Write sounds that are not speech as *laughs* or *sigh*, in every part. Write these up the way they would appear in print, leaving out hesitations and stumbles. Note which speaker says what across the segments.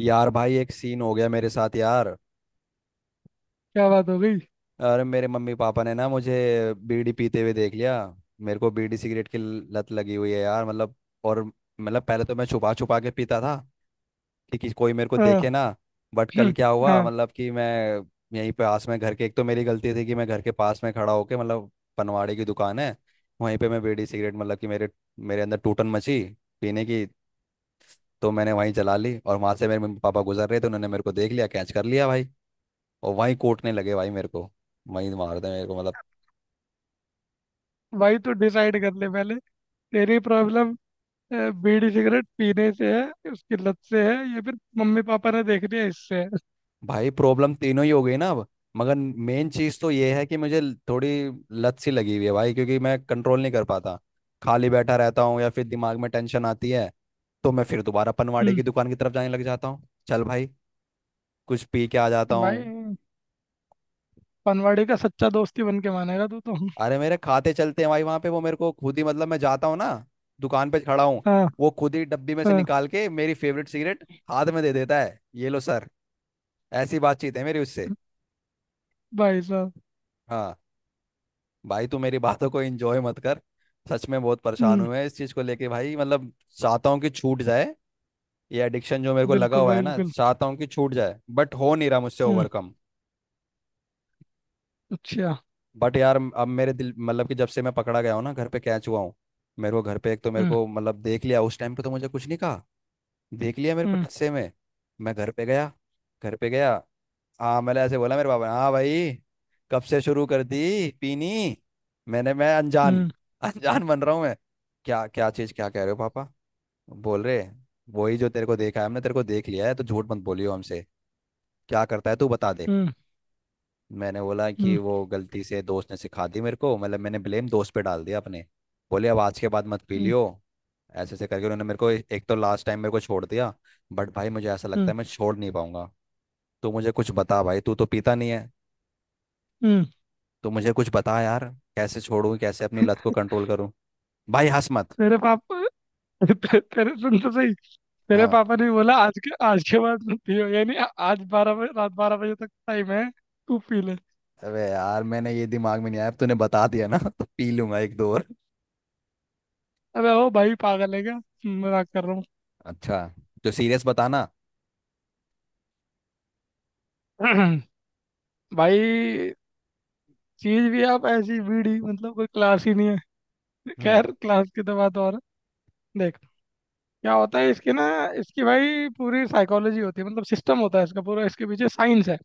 Speaker 1: यार भाई एक सीन हो गया मेरे साथ यार।
Speaker 2: क्या बात हो गई।
Speaker 1: अरे मेरे मम्मी पापा ने ना मुझे बीड़ी पीते हुए देख लिया। मेरे को बीड़ी सिगरेट की लत लगी हुई है यार मतलब। और मतलब पहले तो मैं छुपा छुपा के पीता था कि कोई मेरे को
Speaker 2: हाँ।
Speaker 1: देखे ना। बट कल
Speaker 2: *clears throat*
Speaker 1: क्या हुआ
Speaker 2: हाँ।
Speaker 1: मतलब कि मैं यहीं पास में घर के, एक तो मेरी गलती थी कि मैं घर के पास में खड़ा होके मतलब पनवाड़ी की दुकान है वहीं पे मैं बीड़ी सिगरेट मतलब कि मेरे मेरे अंदर टूटन मची पीने की। तो मैंने वहीं जला ली और वहां से मेरे मम्मी पापा गुजर रहे थे, उन्होंने मेरे को देख लिया, कैच कर लिया भाई। और वहीं कूटने लगे भाई मेरे को, वहीं मारते मेरे को मतलब।
Speaker 2: भाई, तू डिसाइड कर ले पहले, तेरी प्रॉब्लम बीड़ी सिगरेट पीने से है, उसकी लत से है, या फिर मम्मी पापा ने देख लिया इससे है।
Speaker 1: भाई प्रॉब्लम तीनों ही हो गई ना अब। मगर मेन चीज़ तो ये है कि मुझे थोड़ी लत सी लगी हुई है भाई क्योंकि मैं कंट्रोल नहीं कर पाता। खाली बैठा रहता हूँ या फिर दिमाग में टेंशन आती है तो मैं फिर दोबारा पनवाड़ी
Speaker 2: हम्म।
Speaker 1: की दुकान की तरफ जाने लग जाता हूँ। चल भाई कुछ पी के आ जाता
Speaker 2: भाई,
Speaker 1: हूँ।
Speaker 2: पनवाड़ी का सच्चा दोस्ती बन के मानेगा तू तो।
Speaker 1: अरे मेरे खाते चलते हैं भाई वहां पे, वो मेरे को खुद ही मतलब मैं जाता हूँ ना दुकान पे, खड़ा हूँ,
Speaker 2: हाँ,
Speaker 1: वो खुद ही डब्बी में से
Speaker 2: हाँ।
Speaker 1: निकाल के मेरी फेवरेट सिगरेट हाथ में दे देता है, ये लो सर। ऐसी बातचीत है मेरी उससे।
Speaker 2: भाई साहब।
Speaker 1: हाँ। भाई तू मेरी बातों को एंजॉय मत कर। सच में बहुत परेशान
Speaker 2: हम्म।
Speaker 1: हुए हैं इस चीज को लेके भाई मतलब चाहता हूँ कि छूट जाए। ये एडिक्शन जो मेरे को लगा
Speaker 2: बिल्कुल
Speaker 1: हुआ है
Speaker 2: भाई,
Speaker 1: ना,
Speaker 2: बिल्कुल।
Speaker 1: चाहता हूँ कि छूट जाए बट हो नहीं रहा मुझसे
Speaker 2: हम्म।
Speaker 1: ओवरकम।
Speaker 2: अच्छा।
Speaker 1: बट यार अब मेरे दिल, मतलब कि जब से मैं पकड़ा गया हूँ ना, घर पे कैच हुआ हूँ। मेरे को घर पे, एक तो मेरे
Speaker 2: हम्म,
Speaker 1: को मतलब देख लिया उस टाइम पे तो मुझे कुछ नहीं कहा। देख लिया मेरे को
Speaker 2: हम्म,
Speaker 1: टस्से में। मैं घर पे गया, घर पे गया। हाँ मैंने ऐसे बोला, मेरे पापा ने, हाँ भाई कब से शुरू कर दी पीनी। मैं अनजान
Speaker 2: हम्म,
Speaker 1: *laughs* अनजान बन रहा हूँ मैं, क्या क्या चीज़, क्या कह रहे हो पापा। बोल रहे वही, जो तेरे को देखा है हमने, तेरे को देख लिया है तो झूठ मत बोलियो हमसे, क्या करता है तू बता दे।
Speaker 2: हम्म,
Speaker 1: मैंने बोला कि
Speaker 2: हम्म,
Speaker 1: वो गलती से दोस्त ने सिखा दी मेरे को, मतलब मैंने ब्लेम दोस्त पे डाल दिया अपने। बोले अब आज के बाद मत पी
Speaker 2: हम्म,
Speaker 1: लियो। ऐसे ऐसे करके उन्होंने मेरे को एक तो लास्ट टाइम मेरे को छोड़ दिया। बट भाई मुझे ऐसा लगता
Speaker 2: हम्म,
Speaker 1: है मैं छोड़ नहीं पाऊंगा। तू मुझे कुछ बता भाई, तू तो पीता नहीं है।
Speaker 2: हम्म,
Speaker 1: तो मुझे कुछ बता यार, कैसे छोड़ूं, कैसे अपनी लत को कंट्रोल करूं। भाई हंस मत।
Speaker 2: तेरे पापा *laughs* तेरे सुन तो सही। तेरे
Speaker 1: हाँ।
Speaker 2: पापा ने बोला आज के बाद मत पियो, यानी आज 12 बजे रात 12 बजे तक टाइम है। तू पी ले।
Speaker 1: अबे यार मैंने ये दिमाग में नहीं आया, अब तूने बता दिया ना *laughs* तो पी लूंगा एक दो और।
Speaker 2: अबे ओ भाई, पागल है क्या। मजाक कर रहा हूँ।
Speaker 1: अच्छा। तो सीरियस बताना।
Speaker 2: *clears throat* भाई, चीज भी आप ऐसी बीड़ी मतलब कोई क्लास ही नहीं है।
Speaker 1: हम्म।
Speaker 2: खैर क्लास की तो बात और है। देख, क्या होता है इसकी ना। इसकी भाई पूरी साइकोलॉजी होती है, मतलब सिस्टम होता है इसका पूरा, इसके पीछे साइंस है।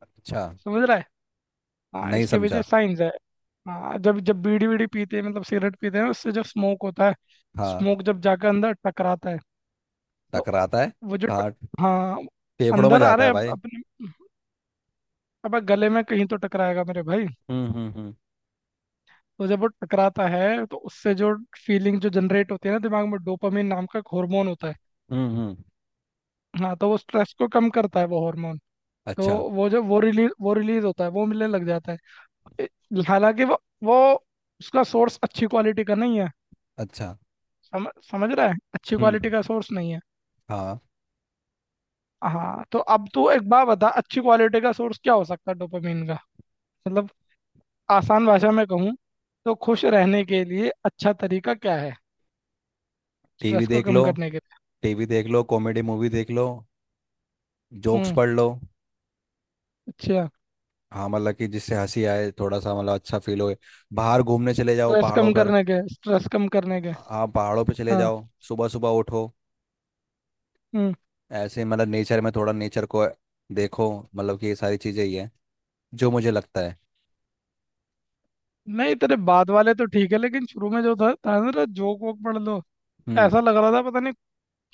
Speaker 1: अच्छा।
Speaker 2: समझ रहा है। हाँ,
Speaker 1: नहीं
Speaker 2: इसके पीछे
Speaker 1: समझा।
Speaker 2: साइंस है। हाँ, जब जब बीड़ी बीड़ी पीते हैं मतलब सिगरेट पीते हैं, उससे जो स्मोक होता है।
Speaker 1: हाँ।
Speaker 2: स्मोक जब जाकर अंदर टकराता है, तो
Speaker 1: टकराता है।
Speaker 2: वो जो
Speaker 1: काट।
Speaker 2: हाँ,
Speaker 1: फेफड़ों में
Speaker 2: अंदर आ
Speaker 1: जाता
Speaker 2: रहे
Speaker 1: है
Speaker 2: अब
Speaker 1: भाई।
Speaker 2: अपने। अब गले में कहीं तो टकराएगा मेरे भाई।
Speaker 1: हम्म।
Speaker 2: तो जब वो टकराता है तो उससे जो फीलिंग जो जनरेट होती है ना, दिमाग में डोपामिन नाम का एक हार्मोन होता है।
Speaker 1: हम्म।
Speaker 2: हाँ, तो वो स्ट्रेस को कम करता है वो हार्मोन। तो
Speaker 1: अच्छा।
Speaker 2: वो जो वो रिलीज होता है, वो मिलने लग जाता है। हालांकि वो उसका सोर्स अच्छी क्वालिटी का नहीं है।
Speaker 1: अच्छा।
Speaker 2: समझ समझ रहा है, अच्छी
Speaker 1: हम्म।
Speaker 2: क्वालिटी का सोर्स नहीं है।
Speaker 1: हाँ।
Speaker 2: हाँ, तो अब तू एक बात बता, अच्छी क्वालिटी का सोर्स क्या हो सकता है डोपामिन का। मतलब, आसान भाषा में कहूँ तो खुश रहने के लिए अच्छा तरीका क्या है।
Speaker 1: टीवी
Speaker 2: स्ट्रेस को
Speaker 1: देख
Speaker 2: कम
Speaker 1: लो।
Speaker 2: करने के लिए।
Speaker 1: टीवी देख लो, कॉमेडी मूवी देख लो। जोक्स
Speaker 2: हम्म।
Speaker 1: पढ़ लो।
Speaker 2: अच्छा।
Speaker 1: हाँ मतलब कि जिससे हंसी आए थोड़ा सा, मतलब अच्छा फील हो। बाहर घूमने चले जाओ
Speaker 2: स्ट्रेस
Speaker 1: पहाड़ों
Speaker 2: कम
Speaker 1: पर।
Speaker 2: करने के स्ट्रेस कम करने के
Speaker 1: हाँ पहाड़ों पे चले
Speaker 2: हाँ।
Speaker 1: जाओ, सुबह सुबह उठो,
Speaker 2: हम्म।
Speaker 1: ऐसे मतलब नेचर में, थोड़ा नेचर को देखो, मतलब कि ये सारी चीज़ें ही है जो मुझे लगता है।
Speaker 2: नहीं, तेरे बाद वाले तो ठीक है, लेकिन शुरू में जो था ना, तेरा जोक वोक पढ़ लो।
Speaker 1: हम्म।
Speaker 2: ऐसा लग रहा था, पता नहीं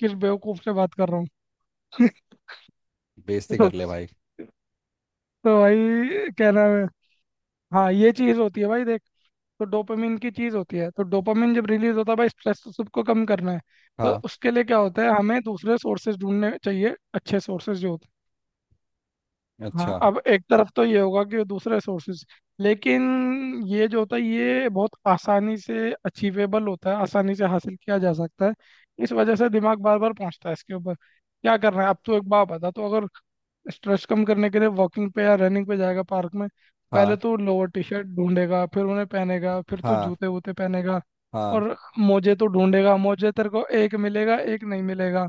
Speaker 2: किस बेवकूफ से बात कर रहा हूँ।
Speaker 1: बेइज्जती
Speaker 2: *laughs*
Speaker 1: कर
Speaker 2: तो,
Speaker 1: ले भाई।
Speaker 2: तो भाई क्या नाम है। हाँ, ये चीज होती है भाई, देख। तो डोपामिन की चीज होती है, तो डोपामिन जब रिलीज होता है भाई, स्ट्रेस तो सबको कम करना है। तो
Speaker 1: हाँ।
Speaker 2: उसके लिए क्या होता है, हमें दूसरे सोर्सेज ढूंढने चाहिए, अच्छे सोर्सेज जो होते हैं। हाँ,
Speaker 1: अच्छा।
Speaker 2: अब एक तरफ तो ये होगा कि दूसरे सोर्सेज, लेकिन ये जो होता है ये बहुत आसानी से अचीवेबल होता है, आसानी से हासिल किया जा सकता है। इस वजह से दिमाग बार बार पहुंचता है इसके ऊपर। क्या करना है अब, तो एक बात बता, तो अगर स्ट्रेस कम करने के लिए वॉकिंग पे या रनिंग पे जाएगा पार्क में। पहले
Speaker 1: हाँ।
Speaker 2: तो लोअर टी शर्ट ढूंढेगा, फिर उन्हें पहनेगा, फिर तो
Speaker 1: हाँ।
Speaker 2: जूते वूते पहनेगा।
Speaker 1: हाँ।
Speaker 2: और मोजे तो ढूंढेगा, मोजे तेरे को एक मिलेगा एक नहीं मिलेगा।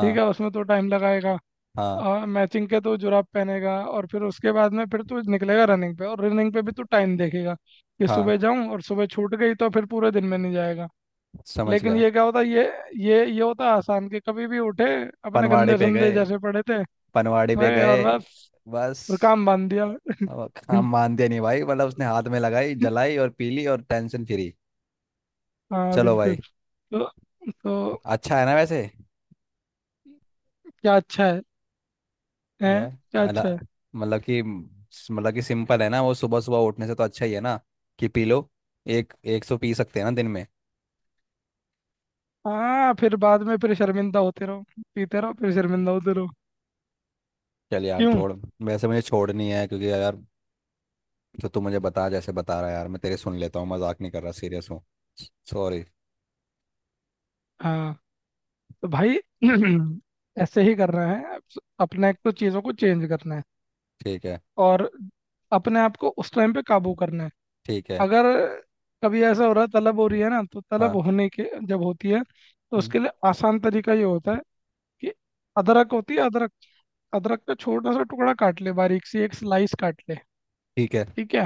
Speaker 2: ठीक है, उसमें तो टाइम लगाएगा।
Speaker 1: हाँ।
Speaker 2: और मैचिंग के तो जुराब पहनेगा, और फिर उसके बाद में फिर तू निकलेगा रनिंग पे, और रनिंग पे भी तू टाइम देखेगा। कि
Speaker 1: हाँ।
Speaker 2: सुबह जाऊं, और सुबह छूट गई तो फिर पूरे दिन में नहीं जाएगा।
Speaker 1: समझ
Speaker 2: लेकिन
Speaker 1: गया।
Speaker 2: ये क्या होता, ये होता आसान कि कभी भी उठे। अपने
Speaker 1: पनवाड़े
Speaker 2: गंदे
Speaker 1: पे
Speaker 2: संदे
Speaker 1: गए,
Speaker 2: जैसे पड़े थे।
Speaker 1: पनवाड़े पे
Speaker 2: मैं और
Speaker 1: गए।
Speaker 2: बस।
Speaker 1: बस।
Speaker 2: फिर काम बांध दिया।
Speaker 1: अब
Speaker 2: *laughs*
Speaker 1: काम मान दिया नहीं भाई, मतलब उसने हाथ में लगाई, जलाई और पीली और टेंशन फ्री।
Speaker 2: हाँ,
Speaker 1: चलो भाई।
Speaker 2: बिल्कुल। तो तो
Speaker 1: अच्छा है ना वैसे।
Speaker 2: क्या अच्छा है,
Speaker 1: या।
Speaker 2: हैं क्या
Speaker 1: अला।
Speaker 2: अच्छा है?
Speaker 1: मतलब कि सिंपल है ना, वो सुबह सुबह उठने से तो अच्छा ही है ना कि पी लो। एक 100 पी सकते हैं ना दिन में।
Speaker 2: हाँ, फिर बाद में फिर शर्मिंदा होते रहो। पीते रहो फिर शर्मिंदा होते रहो।
Speaker 1: चल यार
Speaker 2: क्यों?
Speaker 1: छोड़। वैसे मुझे छोड़नी है क्योंकि यार जो तू मुझे बता, जैसे बता रहा है यार, मैं तेरे सुन लेता हूँ, मजाक नहीं कर रहा, सीरियस हूँ। सॉरी।
Speaker 2: हाँ, तो भाई, *clears throat* ऐसे ही करना है, अपने को चीज़ों को चेंज करना है।
Speaker 1: ठीक है।
Speaker 2: और अपने आप को उस टाइम पे काबू करना है।
Speaker 1: ठीक है।
Speaker 2: अगर कभी ऐसा हो रहा है, तलब हो रही है ना, तो तलब
Speaker 1: हाँ।
Speaker 2: होने के जब होती है, तो
Speaker 1: हम्म।
Speaker 2: उसके लिए आसान तरीका ये होता है। कि अदरक होती है अदरक। अदरक का छोटा सा टुकड़ा काट ले, बारीक सी एक स्लाइस काट ले।
Speaker 1: ठीक है।
Speaker 2: ठीक है,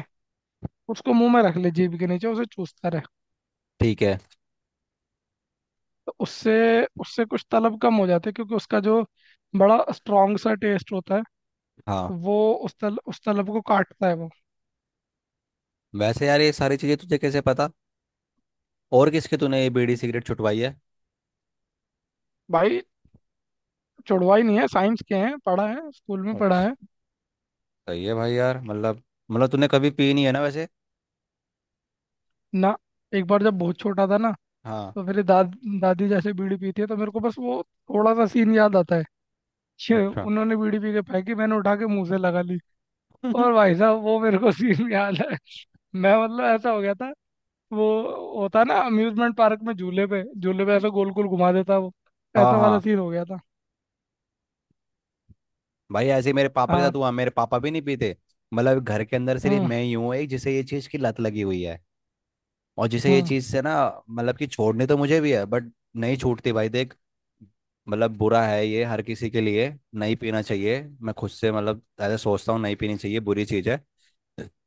Speaker 2: उसको मुंह में रख ले जीभ के नीचे, उसे चूसता रहे।
Speaker 1: ठीक है।
Speaker 2: तो उससे उससे कुछ तलब कम हो जाती है, क्योंकि उसका जो बड़ा स्ट्रॉन्ग सा टेस्ट होता है।
Speaker 1: हाँ।
Speaker 2: तो वो उस तलब को काटता है वो।
Speaker 1: वैसे यार ये सारी चीज़ें तुझे कैसे पता। और किसके तूने ये बीड़ी सिगरेट छुटवाई है।
Speaker 2: भाई, छुड़वा ही नहीं है, साइंस के हैं, पढ़ा है, स्कूल में पढ़ा
Speaker 1: अच्छा।
Speaker 2: है।
Speaker 1: सही है भाई यार मतलब, मतलब तूने कभी पी नहीं है ना वैसे।
Speaker 2: ना, एक बार जब बहुत छोटा था ना।
Speaker 1: हाँ।
Speaker 2: तो मेरी दादी जैसे बीड़ी पीती है, तो मेरे को बस वो थोड़ा सा सीन याद आता है। छे,
Speaker 1: अच्छा।
Speaker 2: उन्होंने बीड़ी पी के फेंकी, मैंने उठा के मुंह से लगा ली। और
Speaker 1: *laughs*
Speaker 2: भाई साहब, वो मेरे को सीन *laughs* याद है। मैं, मतलब ऐसा हो गया था। वो होता है ना, अम्यूजमेंट पार्क में झूले पे ऐसा गोल गोल घुमा देता है वो।
Speaker 1: हाँ।
Speaker 2: ऐसा वाला
Speaker 1: हाँ।
Speaker 2: सीन हो गया था।
Speaker 1: भाई ऐसे ही मेरे पापा के
Speaker 2: हाँ,
Speaker 1: साथ हुआ, मेरे पापा भी नहीं पीते। मतलब घर के अंदर सिर्फ
Speaker 2: हम्म,
Speaker 1: मैं ही हूँ एक जिसे ये चीज़ की लत लगी हुई है, और जिसे ये
Speaker 2: हम्म,
Speaker 1: चीज़ से ना, मतलब कि छोड़नी तो मुझे भी है बट नहीं छूटती भाई देख। मतलब बुरा है ये हर किसी के लिए, नहीं पीना चाहिए। मैं खुद से मतलब ऐसा सोचता हूँ, नहीं पीनी चाहिए, बुरी चीज़ है।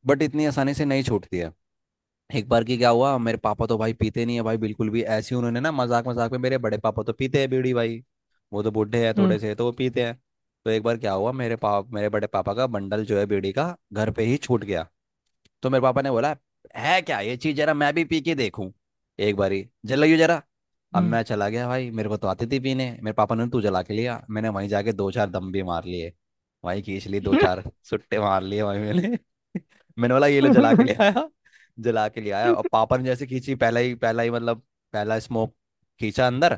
Speaker 1: बट इतनी आसानी से नहीं छूटती है। एक बार की क्या हुआ, मेरे पापा तो भाई पीते नहीं है भाई बिल्कुल भी। ऐसे ही उन्होंने ना मजाक मजाक में, मेरे बड़े पापा तो पीते हैं बीड़ी भाई, वो तो बूढ़े हैं
Speaker 2: हम्म,
Speaker 1: थोड़े से तो वो पीते हैं। तो एक बार क्या हुआ, मेरे बड़े पापा का बंडल जो है बीड़ी का घर पे ही छूट गया। तो मेरे पापा ने बोला, है क्या ये चीज, जरा मैं भी पी के देखूं, एक बारी जलाइयो जरा। अब
Speaker 2: हम्म।
Speaker 1: मैं चला गया भाई, मेरे को तो आती थी पीने, मेरे पापा ने तू जला के लिया, मैंने वहीं जाके दो चार दम भी मार लिए, वहीं खींच लिए दो चार सुट्टे मार लिए वहीं मैंने। *laughs* मैंने बोला ये लो, जला के ले
Speaker 2: *laughs*
Speaker 1: आया, जला के ले आया। और पापा ने जैसे खींची पहला ही, पहला ही मतलब पहला स्मोक खींचा अंदर।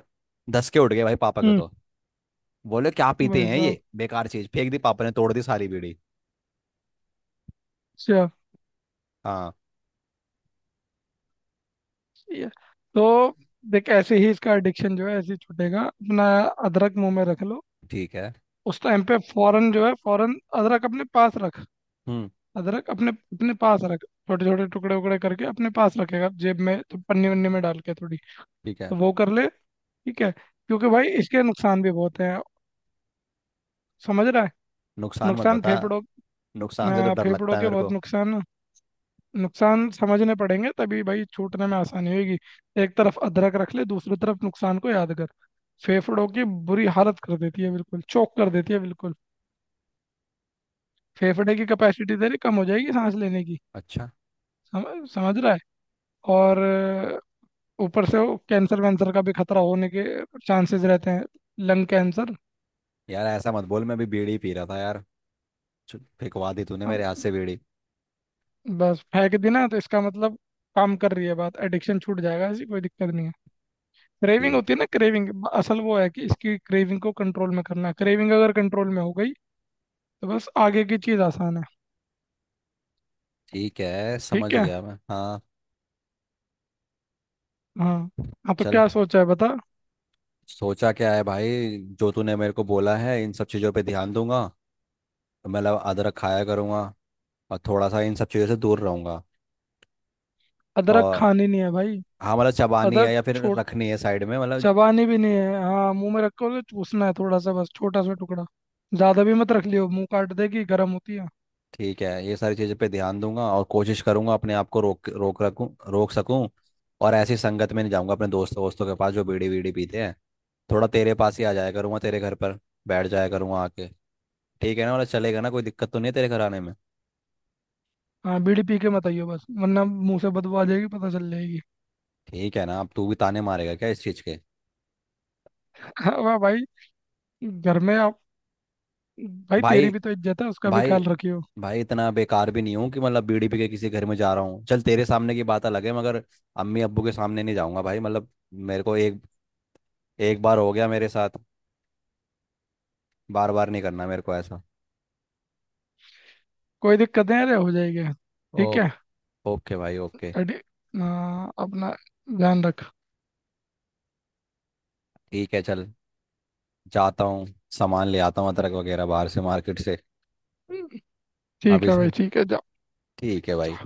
Speaker 1: दस के उठ गए भाई पापा के
Speaker 2: हम्म।
Speaker 1: तो। बोले क्या पीते
Speaker 2: भाई
Speaker 1: हैं ये
Speaker 2: साहब।
Speaker 1: बेकार चीज, फेंक दी पापा ने, तोड़ दी सारी बीड़ी।
Speaker 2: अच्छा,
Speaker 1: हाँ।
Speaker 2: ये- तो देख, ऐसे ही इसका एडिक्शन जो है ऐसे ही छूटेगा अपना। अदरक मुंह में रख लो।
Speaker 1: ठीक है।
Speaker 2: उस टाइम पे फौरन जो है, फौरन अदरक अपने पास रख।
Speaker 1: हम्म।
Speaker 2: अदरक अपने अपने पास रख, छोटे छोटे टुकड़े उकड़े करके अपने पास रखेगा जेब में, तो पन्नी वन्नी में डाल के थोड़ी।
Speaker 1: ठीक है।
Speaker 2: तो वो कर ले। ठीक है, क्योंकि भाई इसके नुकसान भी बहुत हैं। समझ रहा है?
Speaker 1: नुकसान मत
Speaker 2: नुकसान
Speaker 1: बता।
Speaker 2: फेफड़ों,
Speaker 1: नुकसान से तो डर
Speaker 2: फेफड़ों
Speaker 1: लगता है
Speaker 2: के
Speaker 1: मेरे
Speaker 2: बहुत
Speaker 1: को।
Speaker 2: नुकसान। नुकसान समझने पड़ेंगे तभी भाई, छूटने में आसानी होगी। एक तरफ अदरक रख ले, दूसरी तरफ नुकसान को याद कर। फेफड़ों की बुरी हालत कर देती है बिल्कुल, चोक कर देती है बिल्कुल। फेफड़े की कैपेसिटी तेरी कम हो जाएगी सांस लेने की।
Speaker 1: अच्छा।
Speaker 2: समझ रहा है? और ऊपर से वो कैंसर वैंसर का भी खतरा होने के चांसेस रहते हैं, लंग कैंसर।
Speaker 1: यार ऐसा मत बोल, मैं अभी बीड़ी पी रहा था यार। चल, फेंकवा दी तूने
Speaker 2: अ,
Speaker 1: मेरे हाथ से बीड़ी।
Speaker 2: बस फेंक दी ना तो इसका मतलब, काम कर रही है बात, एडिक्शन छूट जाएगा, ऐसी कोई दिक्कत नहीं है। क्रेविंग होती
Speaker 1: ठीक।
Speaker 2: है ना, क्रेविंग असल वो है कि इसकी क्रेविंग को कंट्रोल में करना है, क्रेविंग अगर कंट्रोल में हो गई। तो बस आगे की चीज आसान है।
Speaker 1: ठीक है,
Speaker 2: ठीक
Speaker 1: समझ
Speaker 2: है।
Speaker 1: गया मैं, हाँ।
Speaker 2: हाँ, हाँ, तो
Speaker 1: चल।
Speaker 2: क्या सोचा है बता।
Speaker 1: सोचा क्या है भाई, जो तूने मेरे को बोला है इन सब चीज़ों पे ध्यान दूंगा, तो मतलब अदरक खाया करूंगा और थोड़ा सा इन सब चीज़ों से दूर रहूंगा।
Speaker 2: अदरक
Speaker 1: और
Speaker 2: खानी नहीं है भाई।
Speaker 1: हाँ मतलब चबानी है
Speaker 2: अदरक
Speaker 1: या फिर
Speaker 2: छोट
Speaker 1: रखनी है साइड में मतलब।
Speaker 2: चबानी भी नहीं है, हाँ मुंह में रखो तो चूसना है थोड़ा सा, बस छोटा सा टुकड़ा। ज्यादा भी मत रख लियो, मुंह काट देगी, गर्म होती है।
Speaker 1: ठीक है, ये सारी चीज़ों पे ध्यान दूंगा और कोशिश करूंगा अपने आप को रोक रोक रखूं, रोक सकूं। और ऐसी संगत में नहीं जाऊंगा अपने दोस्तों वोस्तों के पास जो बीड़ी वीड़ी पीते हैं। थोड़ा तेरे पास ही आ जाया करूंगा, तेरे घर पर बैठ जाया करूंगा आके। ठीक है ना, मतलब चलेगा ना, कोई दिक्कत तो नहीं है तेरे घर आने में।
Speaker 2: हाँ, बीड़ी पी के मत आइयो बस, वरना मुंह से बदबू आ जाएगी, पता चल जाएगी।
Speaker 1: ठीक है ना, अब तू भी ताने मारेगा क्या इस चीज़ के।
Speaker 2: *laughs* वाह भाई। घर में आप, भाई तेरी
Speaker 1: भाई,
Speaker 2: भी तो इज्जत है, उसका भी
Speaker 1: भाई,
Speaker 2: ख्याल रखियो।
Speaker 1: भाई इतना बेकार भी नहीं हूँ कि मतलब बीड़ी पी के किसी घर में जा रहा हूँ। चल तेरे सामने की बात अलग है, मगर अम्मी अब्बू के सामने नहीं जाऊंगा भाई। मतलब मेरे को एक, एक बार हो गया मेरे साथ, बार बार नहीं करना मेरे को ऐसा।
Speaker 2: कोई दिक्कत नहीं, अरे हो जाएगी।
Speaker 1: ओ,
Speaker 2: ठीक है।
Speaker 1: ओके भाई, ओके।
Speaker 2: अरे हाँ, अपना ध्यान रख।
Speaker 1: ठीक है चल। जाता हूँ, सामान ले आता हूँ अदरक वगैरह बाहर से मार्केट से।
Speaker 2: ठीक
Speaker 1: अभी
Speaker 2: है भाई,
Speaker 1: से।
Speaker 2: ठीक है।
Speaker 1: ठीक है भाई।